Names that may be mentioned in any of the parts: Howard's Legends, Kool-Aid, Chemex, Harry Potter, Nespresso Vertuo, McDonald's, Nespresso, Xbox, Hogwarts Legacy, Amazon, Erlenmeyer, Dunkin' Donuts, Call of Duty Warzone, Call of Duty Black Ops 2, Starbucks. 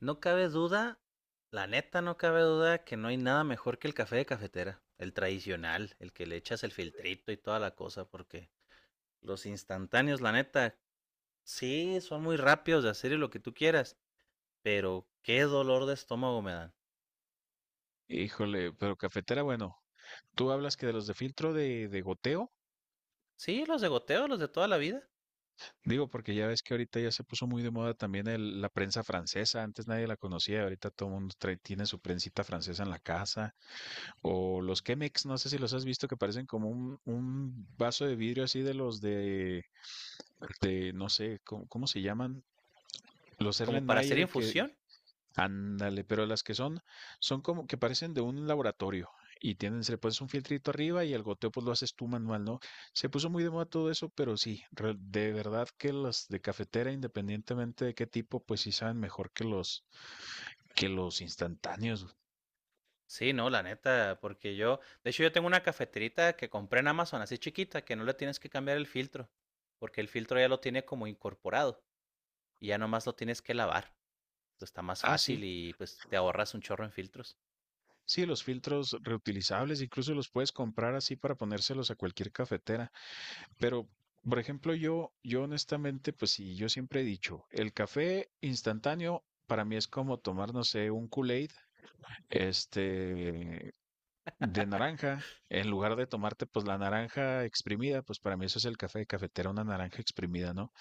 No cabe duda, la neta no cabe duda que no hay nada mejor que el café de cafetera, el tradicional, el que le echas el filtrito y toda la cosa, porque los instantáneos, la neta, sí, son muy rápidos de hacer y lo que tú quieras, pero qué dolor de estómago me dan. Híjole, pero cafetera, bueno, tú hablas que de los de filtro de goteo, Sí, los de goteo, los de toda la vida, digo, porque ya ves que ahorita ya se puso muy de moda también la prensa francesa, antes nadie la conocía, ahorita todo el mundo tiene su prensita francesa en la casa, o los Chemex, no sé si los has visto que parecen como un vaso de vidrio así de los de no sé, ¿cómo se llaman? Los como para hacer Erlenmeyer que... infusión. Ándale, pero las que son como que parecen de un laboratorio y tienen, se le pones un filtrito arriba y el goteo pues lo haces tú manual, ¿no? Se puso muy de moda todo eso, pero sí, de verdad que las de cafetera, independientemente de qué tipo, pues sí saben mejor que los instantáneos. Sí, no, la neta, porque yo, de hecho yo tengo una cafeterita que compré en Amazon, así chiquita, que no le tienes que cambiar el filtro, porque el filtro ya lo tiene como incorporado y ya nomás lo tienes que lavar. Pues, está más Ah, fácil sí, y pues te ahorras un chorro en filtros. sí, los filtros reutilizables, incluso los puedes comprar así para ponérselos a cualquier cafetera. Pero, por ejemplo, yo honestamente, pues sí, yo siempre he dicho, el café instantáneo para mí es como tomar, no sé, un Kool-Aid, este, de naranja. En lugar de tomarte, pues la naranja exprimida, pues para mí eso es el café de cafetera, una naranja exprimida, ¿no?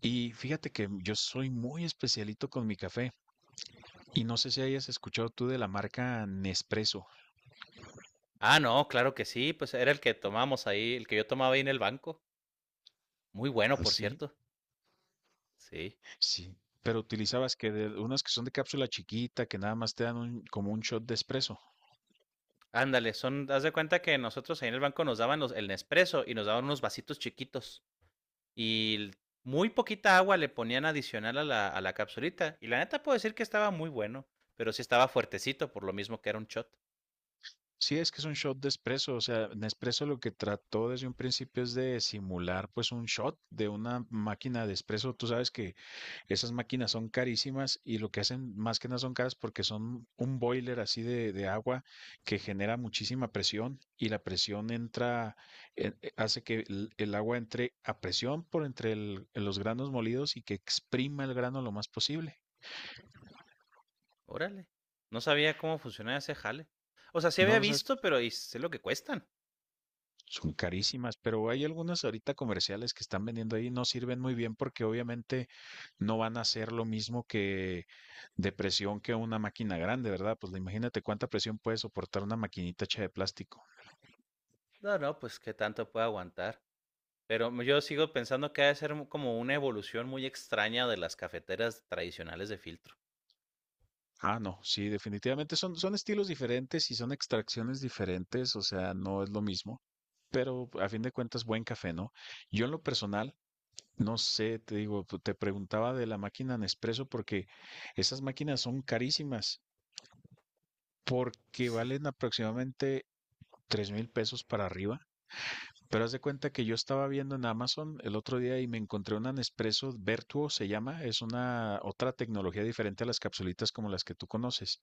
Y fíjate que yo soy muy especialito con mi café y no sé si hayas escuchado tú de la marca Nespresso. Ah, no, claro que sí, pues era el que tomamos ahí, el que yo tomaba ahí en el banco. Muy bueno, por Sí, cierto. Sí. sí. Pero utilizabas que de, unas que son de cápsula chiquita, que nada más te dan como un shot de espresso. Ándale, son, haz de cuenta que nosotros ahí en el banco nos daban los, el Nespresso y nos daban unos vasitos chiquitos. Y l- Muy poquita agua le ponían adicional a la capsulita. Y la neta puedo decir que estaba muy bueno, pero sí estaba fuertecito, por lo mismo que era un shot. Sí, es que es un shot de espresso, o sea, Nespresso lo que trató desde un principio es de simular pues un shot de una máquina de espresso. Tú sabes que esas máquinas son carísimas y lo que hacen más que nada son caras porque son un boiler así de agua que genera muchísima presión y la presión entra, hace que el agua entre a presión por entre los granos molidos y que exprima el grano lo más posible. Órale. No sabía cómo funcionaba ese jale. O sea, sí No, había no sabes. visto, pero ¿y sé lo que cuestan? Son carísimas, pero hay algunas ahorita comerciales que están vendiendo ahí, no sirven muy bien porque obviamente no van a hacer lo mismo que de presión que una máquina grande, ¿verdad? Pues imagínate cuánta presión puede soportar una maquinita hecha de plástico. No, no, pues qué tanto puede aguantar. Pero yo sigo pensando que ha de ser como una evolución muy extraña de las cafeteras tradicionales de filtro. Ah, no, sí, definitivamente son estilos diferentes y son extracciones diferentes, o sea, no es lo mismo, pero a fin de cuentas buen café, ¿no? Yo en lo personal, no sé, te digo, te preguntaba de la máquina Nespresso porque esas máquinas son carísimas, porque Sí. valen aproximadamente $3,000 para arriba. Pero haz de cuenta que yo estaba viendo en Amazon el otro día y me encontré una Nespresso Vertuo, se llama, es una otra tecnología diferente a las capsulitas como las que tú conoces.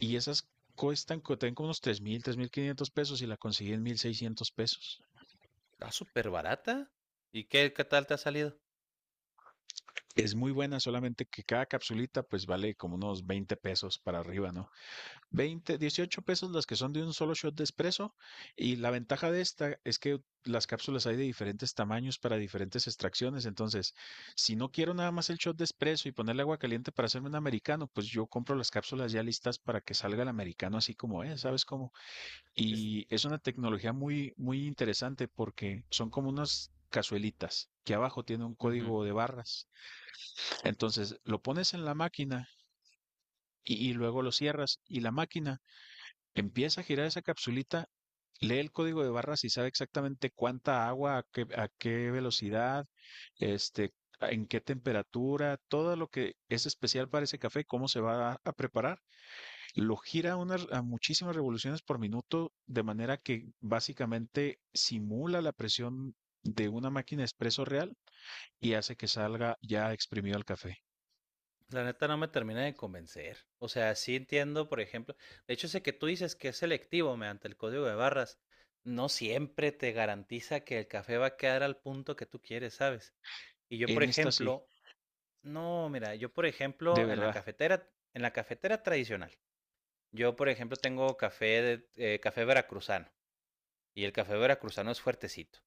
Y esas cuestan, tienen como unos 3,000, $3,500 y la conseguí en $1,600. Está súper barata. ¿Y qué, qué tal te ha salido? Es muy buena, solamente que cada capsulita pues vale como unos $20 para arriba, ¿no? Veinte, 18 pesos las que son de un solo shot de espresso, y la ventaja de esta es que las cápsulas hay de diferentes tamaños para diferentes extracciones, entonces si no quiero nada más el shot de espresso y ponerle agua caliente para hacerme un americano, pues yo compro las cápsulas ya listas para que salga el americano así como es, ¿sabes cómo? Es, Y es una tecnología muy muy interesante porque son como unas cazuelitas que abajo tiene un Ujú. código de barras. Entonces lo pones en la máquina y luego lo cierras y la máquina empieza a girar esa capsulita, lee el código de barras y sabe exactamente cuánta agua, a qué velocidad, este, en qué temperatura, todo lo que es especial para ese café, cómo se va a preparar. Lo gira a unas, a muchísimas revoluciones por minuto, de manera que básicamente simula la presión de una máquina expreso real y hace que salga ya exprimido el café. La neta no me termina de convencer. O sea, sí entiendo, por ejemplo, de hecho ese que tú dices que es selectivo mediante el código de barras, no siempre te garantiza que el café va a quedar al punto que tú quieres, ¿sabes? Y yo, por En esta sí, ejemplo, no, mira, yo por de ejemplo, verdad. En la cafetera tradicional, yo, por ejemplo, tengo café veracruzano y el café veracruzano es fuertecito.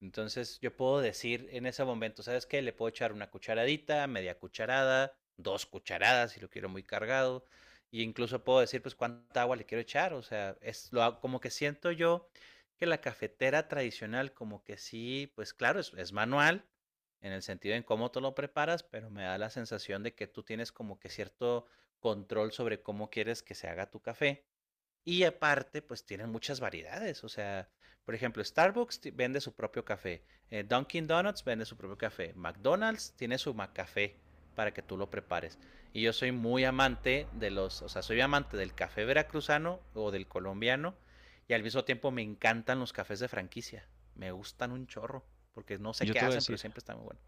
Entonces yo puedo decir en ese momento, ¿sabes qué? Le puedo echar una cucharadita, media cucharada, dos cucharadas si lo quiero muy cargado. Y incluso puedo decir, pues, cuánta agua le quiero echar. O sea, como que siento yo que la cafetera tradicional, como que sí, pues claro, es manual en el sentido en cómo tú lo preparas, pero me da la sensación de que tú tienes como que cierto control sobre cómo quieres que se haga tu café. Y aparte, pues tienen muchas variedades. O sea, por ejemplo, Starbucks vende su propio café. Dunkin' Donuts vende su propio café. McDonald's tiene su café para que tú lo prepares. Y yo soy muy amante de los, o sea, soy amante del café veracruzano o del colombiano. Y al mismo tiempo me encantan los cafés de franquicia. Me gustan un chorro. Porque no sé Yo qué te voy a hacen, pero decir, siempre están muy buenos.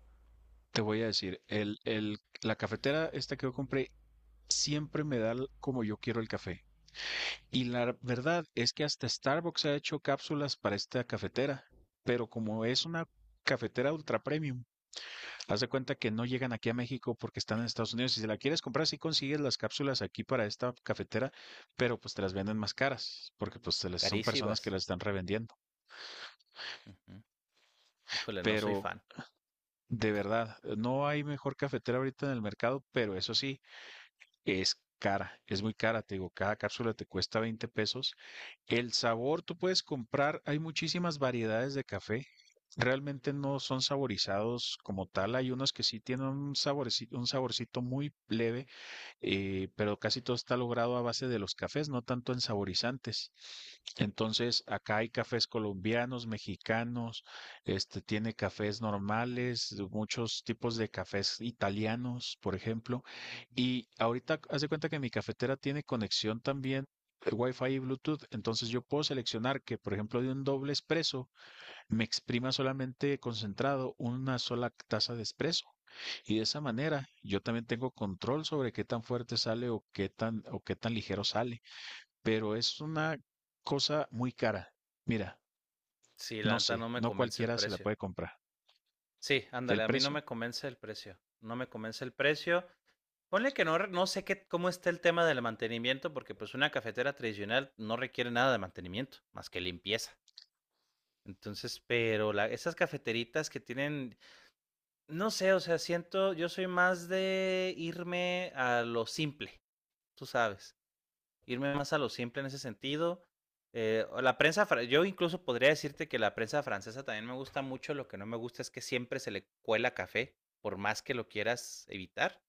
te voy a decir, la cafetera esta que yo compré siempre me da l- como yo quiero el café. Y la verdad es que hasta Starbucks ha hecho cápsulas para esta cafetera, pero como es una cafetera ultra premium, haz de cuenta que no llegan aquí a México porque están en Estados Unidos. Si se la quieres comprar, sí consigues las cápsulas aquí para esta cafetera, pero pues te las venden más caras, porque pues son personas que Carísimas. las están revendiendo. Ujú. Híjole, no soy Pero fan. de verdad, no hay mejor cafetera ahorita en el mercado, pero eso sí, es cara, es muy cara, te digo, cada cápsula te cuesta $20. El sabor tú puedes comprar, hay muchísimas variedades de café, realmente no son saborizados como tal, hay unos que sí tienen un saborcito muy leve, pero casi todo está logrado a base de los cafés, no tanto en saborizantes. Entonces, acá hay cafés colombianos, mexicanos, este tiene cafés normales, muchos tipos de cafés italianos, por ejemplo. Y ahorita hace cuenta que mi cafetera tiene conexión también Wi-Fi y Bluetooth, entonces yo puedo seleccionar que, por ejemplo, de un doble espresso me exprima solamente concentrado una sola taza de espresso. Y de esa manera yo también tengo control sobre qué tan fuerte sale o qué tan ligero sale, pero es una cosa muy cara. Mira, Sí, la no neta sé, no me no convence el cualquiera se la precio. puede comprar. Sí, El ándale, a mí no precio, me convence el precio, no me convence el precio. Ponle que no, no sé qué, cómo está el tema del mantenimiento, porque pues una cafetera tradicional no requiere nada de mantenimiento, más que limpieza. Entonces, pero la, esas cafeteritas que tienen, no sé, o sea, siento, yo soy más de irme a lo simple, tú sabes, irme más a lo simple en ese sentido. La prensa, yo incluso podría decirte que la prensa francesa también me gusta mucho. Lo que no me gusta es que siempre se le cuela café, por más que lo quieras evitar,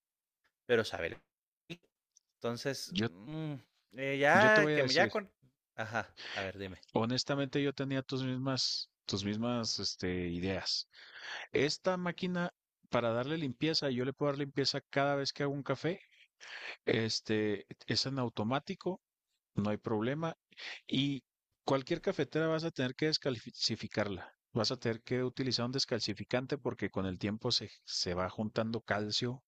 pero sabe. Entonces, yo mm, yo te ya voy a que me ya decir, con. Ajá, a ver, dime. honestamente yo tenía tus mismas ideas. Esta máquina, para darle limpieza, yo le puedo dar limpieza cada vez que hago un café. Este es en automático. No hay problema. Y cualquier cafetera vas a tener que descalcificarla. Vas a tener que utilizar un descalcificante porque con el tiempo se va juntando calcio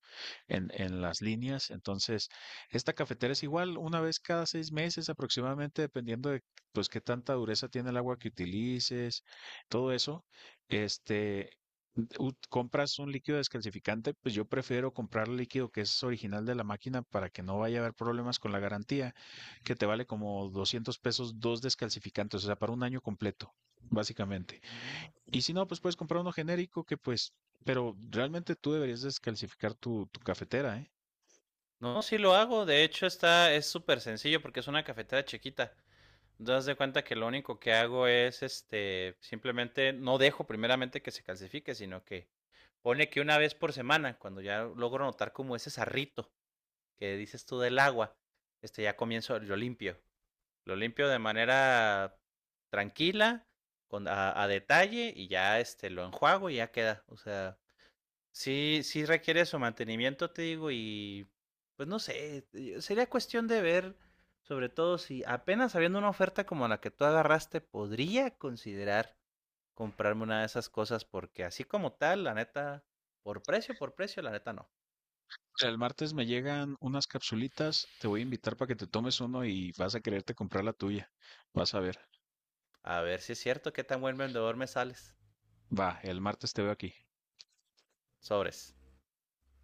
en las líneas. Entonces, esta cafetera es igual una vez cada 6 meses aproximadamente, dependiendo de pues qué tanta dureza tiene el agua que utilices, todo eso. Este, compras un líquido descalcificante, pues yo prefiero comprar el líquido que es original de la máquina para que no vaya a haber problemas con la garantía, que te vale como $200 dos descalcificantes, o sea, para un año completo, básicamente. Y si no, pues puedes comprar uno genérico, que pues, pero realmente tú deberías descalcificar tu cafetera, ¿eh? No, sí lo hago. De hecho, está, es súper sencillo porque es una cafetera chiquita. Das de cuenta que lo único que hago es este, simplemente no dejo primeramente que se calcifique, sino que pone que una vez por semana, cuando ya logro notar como ese sarrito que dices tú del agua, este ya comienzo, lo limpio. Lo limpio de manera tranquila, con, a detalle, y ya este lo enjuago y ya queda. O sea, sí, sí requiere su mantenimiento, te digo, y pues no sé, sería cuestión de ver, sobre todo si apenas habiendo una oferta como la que tú agarraste, podría considerar comprarme una de esas cosas, porque así como tal, la neta, por precio, la neta no. O sea, el martes me llegan unas capsulitas, te voy a invitar para que te tomes uno y vas a quererte comprar la tuya. Vas a ver. A ver si es cierto, qué tan buen vendedor me sales. Va, el martes te veo aquí. Sobres.